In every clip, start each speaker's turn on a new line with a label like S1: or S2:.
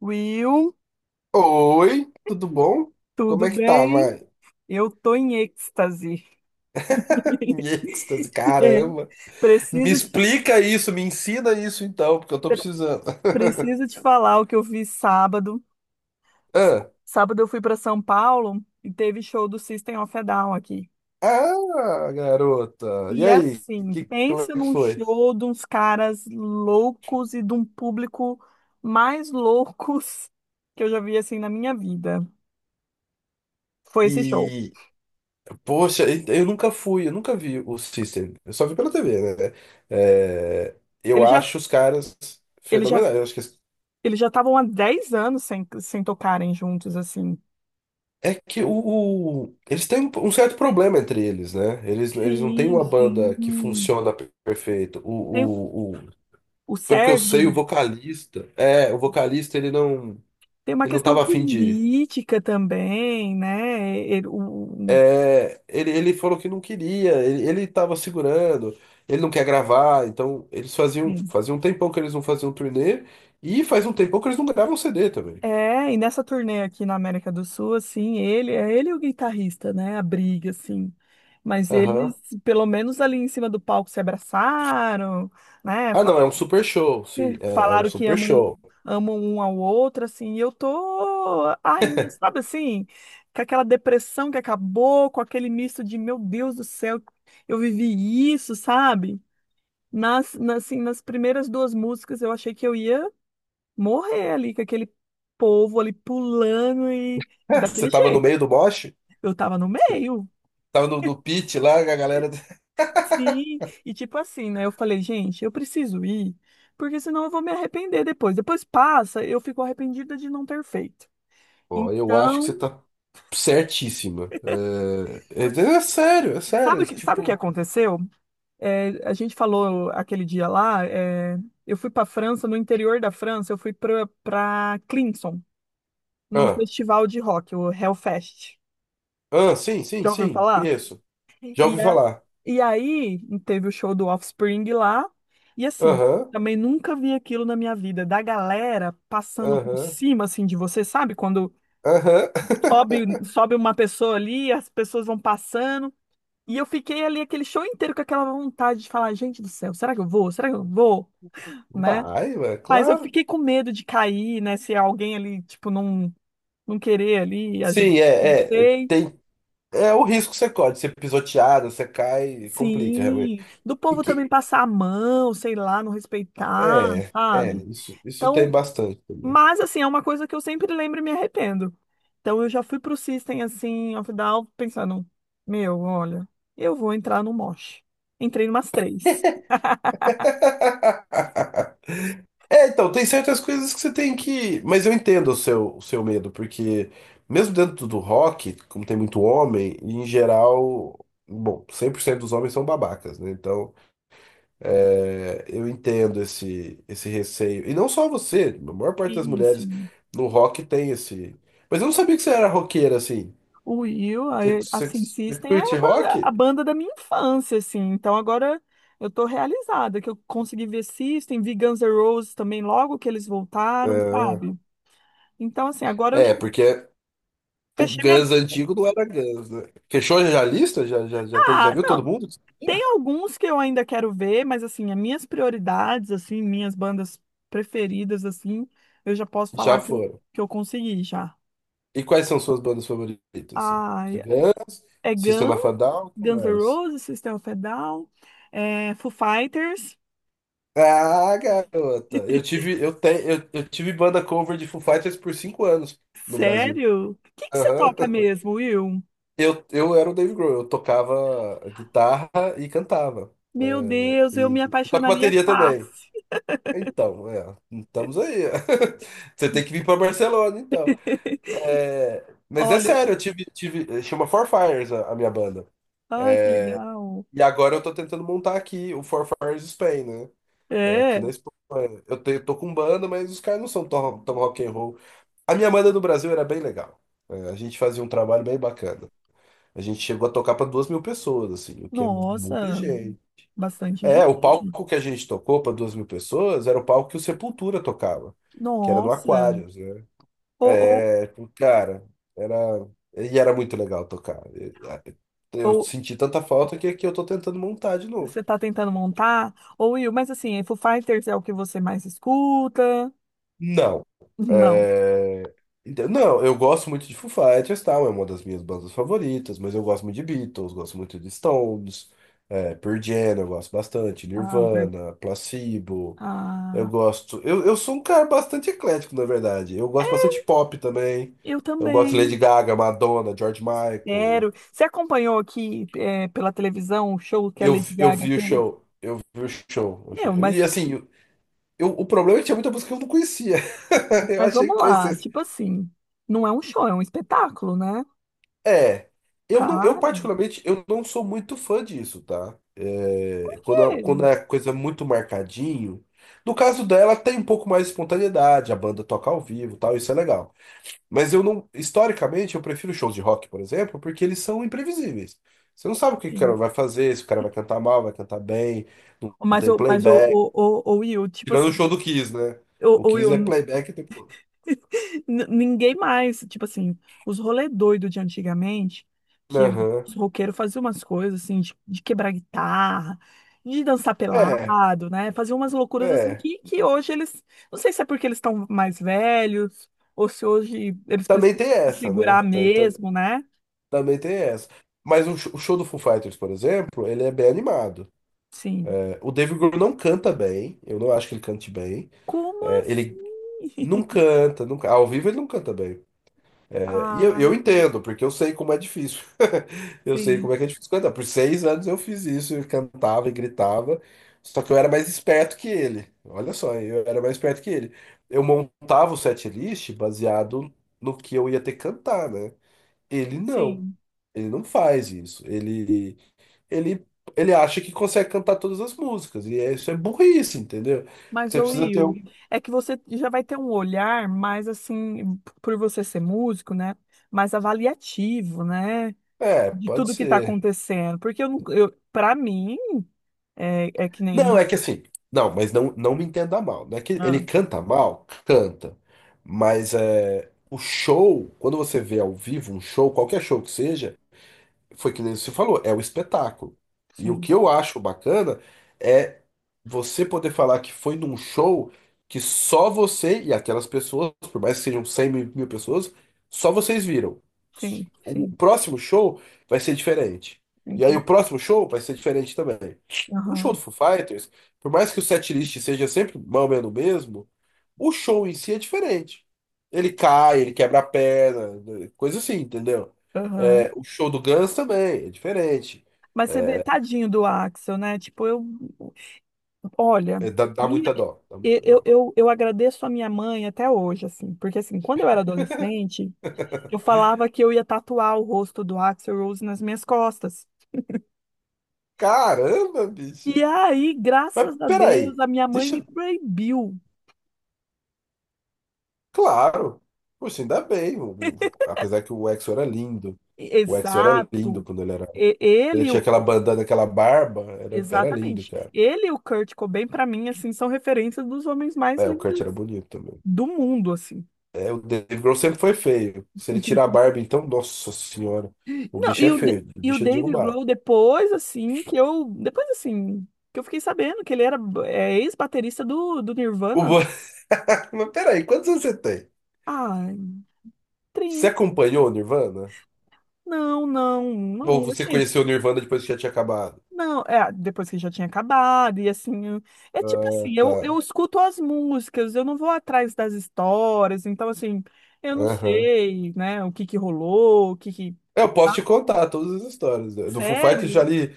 S1: Will,
S2: Oi, tudo bom? Como
S1: tudo
S2: é que tá,
S1: bem?
S2: mãe?
S1: Eu tô em êxtase.
S2: Em êxtase,
S1: É.
S2: caramba. Me
S1: Preciso, te-
S2: explica isso, me ensina isso então, porque eu tô
S1: pre-
S2: precisando.
S1: preciso te falar o que eu vi sábado.
S2: Ah,
S1: Sábado eu fui para São Paulo e teve show do System of a Down aqui.
S2: ah, garota. E
S1: E
S2: aí,
S1: assim,
S2: que, como é
S1: pensa
S2: que
S1: num
S2: foi?
S1: show de uns caras loucos e de um público mais loucos que eu já vi assim na minha vida. Foi esse show.
S2: E, poxa, eu nunca fui, eu nunca vi o System. Eu só vi pela TV, né? É, eu
S1: Eles já,
S2: acho os caras
S1: eles já,
S2: fenomenais. Eu acho que.
S1: eles já estavam há 10 anos sem tocarem juntos assim.
S2: É que eles têm um certo problema entre eles, né? Eles não têm
S1: Sim,
S2: uma banda que
S1: sim.
S2: funciona perfeito.
S1: Tem, o
S2: Pelo que eu sei, o
S1: Sérgio
S2: vocalista, é, o vocalista
S1: tem uma
S2: ele não
S1: questão
S2: tava afim de ir.
S1: política também, né?
S2: É, ele falou que não queria, ele tava segurando, ele não quer gravar, então
S1: Sim.
S2: fazia um tempão que eles não faziam turnê e faz um tempão que eles não gravam CD também.
S1: É, e nessa turnê aqui na América do Sul, assim, ele é ele e o guitarrista, né? A briga, assim. Mas eles,
S2: Aham.
S1: pelo menos ali em cima do palco, se abraçaram, né?
S2: Ah, não, é um super show, sim, é um
S1: Falaram que
S2: super
S1: amam, um,
S2: show.
S1: amam um ao outro, assim, e eu tô ainda, sabe assim, com aquela depressão que acabou, com aquele misto de, meu Deus do céu, eu vivi isso, sabe? Assim, nas primeiras duas músicas eu achei que eu ia morrer ali, com aquele povo ali pulando e
S2: Você
S1: daquele
S2: tava no
S1: jeito.
S2: meio do mosh?
S1: Eu tava no meio,
S2: Tava no pit lá, a galera.
S1: sim, e tipo assim, né? Eu falei, gente, eu preciso ir, porque senão eu vou me arrepender depois. Depois passa, eu fico arrependida de não ter feito.
S2: Ó, eu acho que
S1: Então,
S2: você tá certíssima. É, é, é sério, é
S1: sabe
S2: sério.
S1: o que, sabe o que
S2: Tipo.
S1: aconteceu? É, a gente falou aquele dia lá, eu fui para França, no interior da França, eu fui para Clinson, num
S2: Ah,
S1: festival de rock, o Hellfest.
S2: ah, sim, sim,
S1: Já ouviu
S2: sim,
S1: falar?
S2: conheço. Já
S1: E,
S2: ouvi
S1: é-
S2: falar.
S1: e aí teve o show do Offspring lá, e assim,
S2: Aham,
S1: também nunca vi aquilo na minha vida, da galera passando por
S2: aham,
S1: cima assim de você, sabe? Quando
S2: aham.
S1: sobe uma pessoa ali, as pessoas vão passando. E eu fiquei ali aquele show inteiro com aquela vontade de falar, gente do céu, será que eu vou? Será que eu vou? Né?
S2: Vai, ué,
S1: Mas eu
S2: claro.
S1: fiquei com medo de cair, né? Se alguém ali, tipo, não querer ali ajudar.
S2: Sim,
S1: Não sei.
S2: é o risco que você corre, de ser pisoteado, você cai, complica realmente.
S1: Sim. Do
S2: E
S1: povo também passar a mão, sei lá, não respeitar, sabe?
S2: isso tem
S1: Então,
S2: bastante também.
S1: mas assim, é uma coisa que eu sempre lembro e me arrependo. Então eu já fui pro System, assim, of a Down, pensando, meu, olha, eu vou entrar no mosh. Entrei numas três.
S2: É, então, tem certas coisas que você tem que. Mas eu entendo o seu, medo, porque mesmo dentro do rock, como tem muito homem, em geral, bom, 100% dos homens são babacas, né? Então, eu entendo esse receio. E não só você, a maior parte das
S1: Isso.
S2: mulheres no rock tem esse. Mas eu não sabia que você era roqueira assim.
S1: O Will,
S2: Você, você,
S1: assim,
S2: você
S1: System é
S2: curte
S1: a
S2: rock?
S1: banda da minha infância, assim. Então agora eu tô realizada que eu consegui ver System, vi Guns N' Roses também logo que eles voltaram,
S2: Ah,
S1: sabe? Então, assim, agora eu já
S2: é, porque o
S1: fechei minha
S2: Guns
S1: lista.
S2: antigo não era Guns, né? Fechou já a lista? Já, já, já, já
S1: Ah,
S2: viu todo
S1: não,
S2: mundo?
S1: tem alguns que eu ainda quero ver, mas assim, as minhas prioridades, assim, minhas bandas preferidas, assim, eu já posso
S2: Já
S1: falar que eu,
S2: foram.
S1: que eu consegui já.
S2: E quais são suas bandas favoritas? Assim?
S1: Ah,
S2: Cigana,
S1: é
S2: System
S1: Guns,
S2: of a Down, o que
S1: Guns N'
S2: mais?
S1: Roses, System of a Down, é Foo Fighters.
S2: Ah, garota, eu tive, eu tenho, eu tive banda cover de Foo Fighters por 5 anos no Brasil.
S1: Sério? O que que você
S2: Aham.
S1: toca mesmo, Will?
S2: Eu era o Dave Grohl, eu tocava guitarra e cantava.
S1: Meu
S2: É,
S1: Deus, eu me
S2: e eu toco
S1: apaixonaria
S2: bateria também.
S1: fácil.
S2: Então, estamos aí. Você tem que vir para Barcelona, então. É, mas é
S1: Olha,
S2: sério, eu tive, chama Four Fires a minha banda.
S1: ai, que legal.
S2: E agora eu tô tentando montar aqui o Four Fires Spain, né? Aqui na
S1: É,
S2: Espanha. Eu tô com banda, mas os caras não são tão, tão rock and roll. A minha banda no Brasil era bem legal. A gente fazia um trabalho bem bacana. A gente chegou a tocar para 2 mil pessoas, assim, o que é muita
S1: nossa,
S2: gente.
S1: bastante
S2: O
S1: gente.
S2: palco que a gente tocou para 2 mil pessoas era o palco que o Sepultura tocava, que era no
S1: Nossa.
S2: Aquarius, né?
S1: Ou, ou,
S2: É, tipo, cara, era. E era muito legal tocar. Eu
S1: ou
S2: senti tanta falta que aqui eu tô tentando montar de novo.
S1: você está tentando montar? Ou Will, mas assim, é Foo Fighters é o que você mais escuta?
S2: Não.
S1: Não.
S2: É, então, não, eu gosto muito de Foo Fighters, tal, é uma das minhas bandas favoritas, mas eu gosto muito de Beatles, gosto muito de Stones, Pearl Jam, eu gosto bastante,
S1: Ah,
S2: Nirvana, Placebo, eu
S1: ah,
S2: gosto... Eu sou um cara bastante eclético, na verdade. Eu gosto
S1: é,
S2: bastante de pop também,
S1: eu
S2: eu gosto de
S1: também.
S2: Lady Gaga, Madonna, George Michael.
S1: Sério. Você acompanhou aqui, pela televisão o show que a
S2: Eu,
S1: Lady
S2: eu
S1: Gaga
S2: vi o
S1: fez?
S2: show, eu vi o show.
S1: Meu,
S2: E
S1: mas
S2: assim, o problema é que tinha muita música que eu não conhecia. Eu
S1: Mas
S2: achei que
S1: vamos lá,
S2: conhecesse.
S1: tipo assim, não é um show, é um espetáculo, né?
S2: É, eu não, eu
S1: Cara,
S2: particularmente eu não sou muito fã disso, tá?
S1: é,
S2: Quando é coisa muito marcadinho. No caso dela, tem um pouco mais de espontaneidade, a banda toca ao vivo, e tal, isso é legal. Mas eu não, historicamente, eu prefiro shows de rock, por exemplo, porque eles são imprevisíveis. Você não sabe o que o
S1: enfim.
S2: cara vai fazer, se o cara vai cantar mal, vai cantar bem, não, não
S1: Mas,
S2: tem
S1: o, mas o,
S2: playback.
S1: o, o, o Will, tipo
S2: Tirando o
S1: assim,
S2: show do Kiss, né?
S1: o,
S2: O
S1: o Will,
S2: Kiss é playback o tempo todo.
S1: ninguém mais, tipo assim, os rolê doido de antigamente, que
S2: Aham.
S1: os roqueiros faziam umas coisas assim, de quebrar guitarra, de dançar
S2: É,
S1: pelado, né? Faziam umas loucuras assim
S2: é.
S1: que hoje eles, não sei se é porque eles estão mais velhos, ou se hoje eles
S2: Também
S1: precisam
S2: tem
S1: se
S2: essa, né?
S1: segurar mesmo, né?
S2: Também tem essa. Mas o o show do Foo Fighters, por exemplo, ele é bem animado.
S1: Sim.
S2: O Dave Grohl não canta bem, eu não acho que ele cante bem.
S1: Como
S2: É,
S1: assim?
S2: Ele não canta, nunca, ao vivo ele não canta bem. É, E eu,
S1: Ah,
S2: eu entendo, porque eu sei como é difícil. Eu sei
S1: sim,
S2: como é que é difícil cantar. Por 6 anos eu fiz isso, eu cantava e gritava, só que eu era mais esperto que ele. Olha só, eu era mais esperto que ele. Eu montava o setlist baseado no que eu ia ter que cantar, né? Ele não.
S1: sim.
S2: Ele não faz isso. Ele, ele acha que consegue cantar todas as músicas. Isso é burrice, entendeu?
S1: Mas,
S2: Você
S1: ô
S2: precisa ter
S1: Will,
S2: um.
S1: é que você já vai ter um olhar mais assim, por você ser músico, né? Mais avaliativo, né?
S2: É,
S1: De
S2: pode
S1: tudo que tá
S2: ser.
S1: acontecendo. Porque eu não, eu, para mim, é que
S2: Não,
S1: nem.
S2: é que assim. Não, mas não me entenda mal. Não é que ele
S1: Ah,
S2: canta mal, canta. Mas o show, quando você vê ao vivo um show, qualquer show que seja. Foi que nem você falou, é o espetáculo. E o
S1: sim,
S2: que eu acho bacana é você poder falar que foi num show que só você e aquelas pessoas, por mais que sejam 100 mil, mil pessoas, só vocês viram.
S1: sim,
S2: O
S1: sim,
S2: próximo show vai ser diferente.
S1: sim,
S2: E aí o
S1: sim.
S2: próximo show vai ser diferente também. Um show
S1: Aham,
S2: do Foo Fighters, por mais que o setlist seja sempre mais ou menos o mesmo, o show em si é diferente. Ele cai, ele quebra a perna, coisa assim, entendeu?
S1: aham.
S2: O show do Guns também, é diferente.
S1: Mas você vê, tadinho do Axel, né? Tipo, eu. Olha,
S2: Dá
S1: minha-
S2: muita dó, dá
S1: e-
S2: muita
S1: eu,
S2: dó.
S1: eu, eu agradeço a minha mãe até hoje, assim, porque assim, quando eu era adolescente, eu falava que eu ia tatuar o rosto do Axl Rose nas minhas costas.
S2: Caramba,
S1: E
S2: bicho.
S1: aí,
S2: Mas
S1: graças a Deus,
S2: peraí,
S1: a minha mãe
S2: deixa.
S1: me proibiu.
S2: Claro. Poxa, ainda bem. Apesar que o EXO era lindo. O EXO era lindo
S1: Exato.
S2: quando ele era.
S1: E-
S2: Ele
S1: Ele, e
S2: tinha
S1: o,
S2: aquela bandana, aquela barba. Era lindo,
S1: exatamente.
S2: cara.
S1: Ele e o Kurt Cobain, para mim, assim, são referências dos homens mais
S2: O Kurt era
S1: lindos
S2: bonito também.
S1: do mundo, assim.
S2: O Dave Grohl sempre foi feio. Se ele tirar a barba, então, nossa senhora. O
S1: Não,
S2: bicho é feio. O
S1: e o
S2: bicho é
S1: Dave
S2: derrubado.
S1: Grohl depois, assim, que eu. Depois, assim, que eu fiquei sabendo que ele era ex-baterista do
S2: O...
S1: Nirvana.
S2: Bo- Mas peraí, quantos anos você tem?
S1: Ah,
S2: Você
S1: trim.
S2: acompanhou o Nirvana?
S1: Não, não,
S2: Ou
S1: não,
S2: você
S1: assim,
S2: conheceu o Nirvana depois que já tinha acabado?
S1: não, depois que já tinha acabado, e assim, é tipo
S2: Ah,
S1: assim, eu
S2: tá.
S1: escuto as músicas, eu não vou atrás das histórias, então assim, eu não
S2: Aham.
S1: sei, né, o que que rolou, o que que...
S2: Eu
S1: Tá?
S2: posso te contar todas as histórias, né? Do Foo Fighters já
S1: Sério?
S2: li,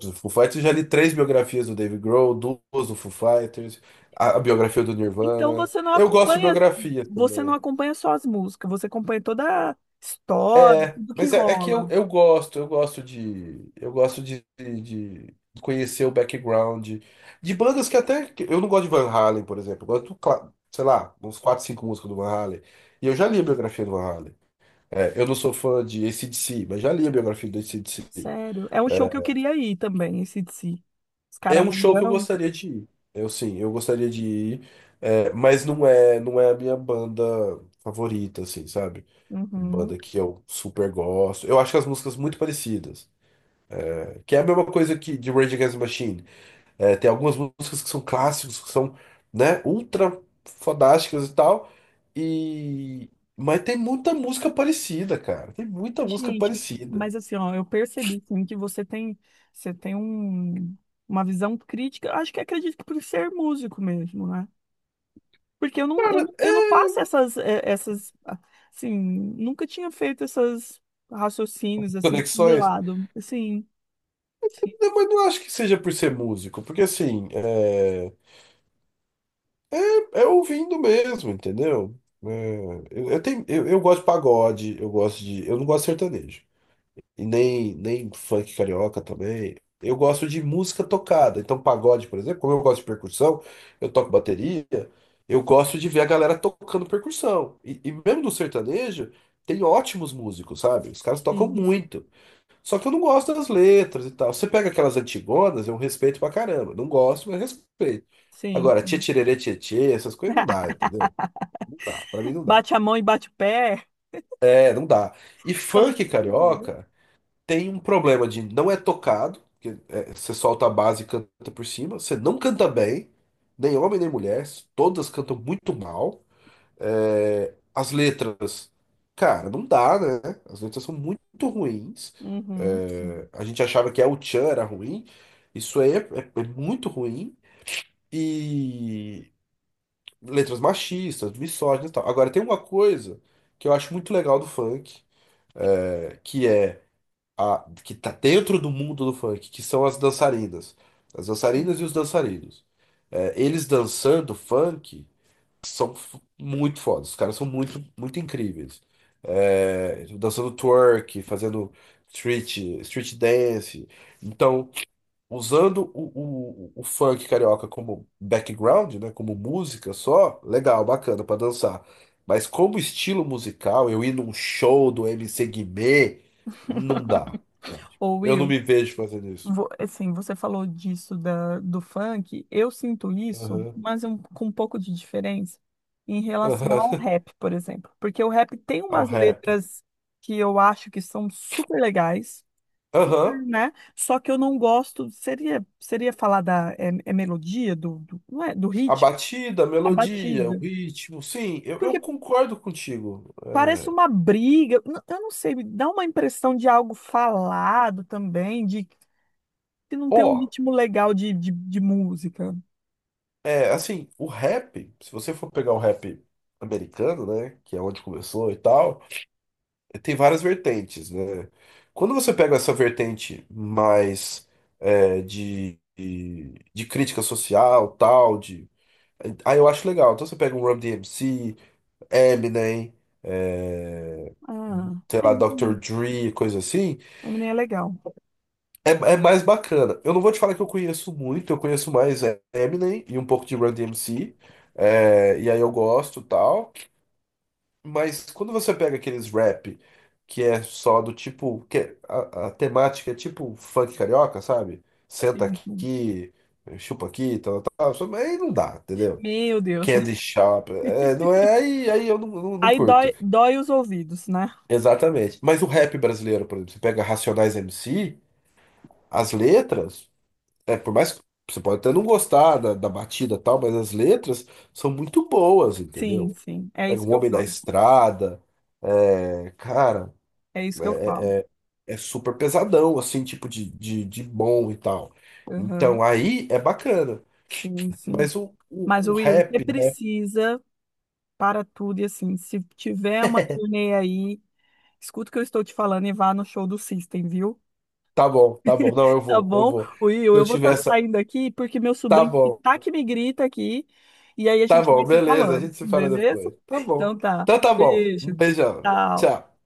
S2: do Foo Fighters já li três biografias do Dave Grohl, duas do Foo Fighters, a biografia do
S1: Então
S2: Nirvana. Eu gosto de biografia
S1: você não
S2: também.
S1: acompanha só as músicas, você acompanha toda a história,
S2: É,
S1: tudo que
S2: mas é que
S1: rola.
S2: eu gosto de, de conhecer o background de bandas que até eu não gosto de Van Halen, por exemplo. Eu gosto, sei lá, uns quatro, cinco músicas do Van Halen. E eu já li a biografia do Van Halen. Eu não sou fã de CDC, mas já li a biografia do CDC.
S1: Sério. É um show que eu
S2: é
S1: queria ir também, esse DC. Os
S2: é
S1: caras.
S2: um show que eu gostaria de ir. Eu sim, eu gostaria de ir, mas não é a minha banda favorita, assim, sabe?
S1: Uhum.
S2: Banda que eu super gosto. Eu acho as músicas muito parecidas. Que é a mesma coisa que de Rage Against the Machine. Tem algumas músicas que são clássicos, que são, né, ultra fodásticas e tal. E... Mas tem muita música parecida, cara. Tem muita música
S1: Gente,
S2: parecida.
S1: mas assim, ó, eu percebi sim, que você tem uma visão crítica. Eu acho que acredito que por ser músico mesmo, né? Porque eu não, eu,
S2: Cara,
S1: eu não
S2: é
S1: faço essas, essas, assim, nunca tinha feito essas raciocínios assim,
S2: conexões.
S1: assimilado. Assim.
S2: Não, mas não acho que seja por ser músico, porque assim, é ouvindo mesmo, entendeu? É, eu gosto de pagode, eu gosto de. Eu não gosto de sertanejo. E nem funk carioca também. Eu gosto de música tocada. Então, pagode, por exemplo, como eu gosto de percussão, eu toco bateria, eu gosto de ver a galera tocando percussão. E mesmo do sertanejo, tem ótimos músicos, sabe? Os caras tocam
S1: Sim, sim,
S2: muito. Só que eu não gosto das letras e tal. Você pega aquelas antigonas, eu respeito pra caramba. Não gosto, mas respeito.
S1: sim.
S2: Agora, tchê tchê tchê tchê, essas coisas não dá, entendeu? Não dá, pra mim não dá.
S1: Bate a mão e bate o pé.
S2: Não dá. E
S1: É
S2: funk
S1: muito sentido.
S2: carioca tem um problema de não é tocado, que é, você solta a base e canta por cima, você não canta bem, nem homem nem mulher, todas cantam muito mal. As letras, cara, não dá, né? As letras são muito ruins.
S1: Uhum, sim,
S2: A gente achava que a Uchan era ruim. Isso aí é muito ruim. E letras machistas, misóginas e tal. Agora, tem uma coisa que eu acho muito legal do funk, que é a que tá dentro do mundo do funk, que são as dançarinas. As
S1: sim.
S2: dançarinas e os dançarinos. Eles dançando funk são muito fodas. Os caras são muito, muito incríveis. Dançando twerk, fazendo street, street dance. Então, usando o funk carioca como background, né, como música só, legal, bacana pra dançar. Mas como estilo musical, eu ir num show do MC Guimê, não dá, sabe?
S1: Ô,
S2: Eu não
S1: Will,
S2: me vejo fazendo isso.
S1: assim, você falou disso da, do funk. Eu sinto isso,
S2: Aham,
S1: mas com um pouco de diferença em relação
S2: aham.
S1: ao rap, por exemplo. Porque o rap tem
S2: Ao
S1: umas
S2: rap.
S1: letras que eu acho que são super legais,
S2: Aham.
S1: super, né? Só que eu não gosto. Seria falar da é melodia, não é, do
S2: A
S1: ritmo,
S2: batida, a
S1: a
S2: melodia, o
S1: batida.
S2: ritmo, sim, eu concordo contigo.
S1: Parece
S2: É,
S1: uma briga. Eu não sei, me dá uma impressão de algo falado também, de que não tem um
S2: ó,
S1: ritmo legal de música.
S2: assim, o rap, se você for pegar o rap americano, né, que é onde começou e tal, tem várias vertentes, né? Quando você pega essa vertente mais de crítica social, tal, de... Aí eu acho legal. Então você pega um Run DMC, Eminem, é,
S1: Ah,
S2: sei
S1: é,
S2: lá, Dr. Dre, coisa assim.
S1: também é legal.
S2: É mais bacana. Eu não vou te falar que eu conheço muito, eu conheço mais Eminem e um pouco de Run DMC. E aí eu gosto e tal. Mas quando você pega aqueles rap que é só do tipo. A temática é tipo funk carioca, sabe? Senta
S1: Sim, sim.
S2: aqui, chupa aqui, tal, tal, tal. Aí não dá, entendeu?
S1: Meu Deus.
S2: Candy Shop. Não é, aí eu não
S1: Aí
S2: curto.
S1: dói, dói os ouvidos, né?
S2: Exatamente. Mas o rap brasileiro, por exemplo, você pega Racionais MC, as letras. Por mais que você pode até não gostar da batida e tal, mas as letras são muito boas,
S1: Sim,
S2: entendeu?
S1: sim. É
S2: Pega
S1: isso
S2: um
S1: que eu
S2: Homem da
S1: falo.
S2: Estrada, cara,
S1: É isso que eu falo.
S2: é super pesadão, assim, tipo de bom e tal.
S1: Aham.
S2: Então aí é bacana.
S1: Sim, sim.
S2: Mas o,
S1: Mas,
S2: o, o
S1: Will, você
S2: rap, né?
S1: precisa para tudo e assim, se tiver uma turnê aí, escuta o que eu estou te falando e vá no show do System, viu?
S2: Tá bom, não, eu
S1: Tá
S2: vou, eu
S1: bom?
S2: vou. Se
S1: Will,
S2: eu
S1: eu vou
S2: tiver
S1: estar
S2: essa.
S1: saindo aqui porque meu
S2: Tá
S1: sobrinho que
S2: bom,
S1: tá que me grita aqui. E aí a
S2: tá
S1: gente vai
S2: bom,
S1: se
S2: beleza, a
S1: falando,
S2: gente se fala
S1: beleza?
S2: depois. Tá bom.
S1: Então tá.
S2: Então tá bom, um
S1: Beijo.
S2: beijão,
S1: Tchau.
S2: tchau.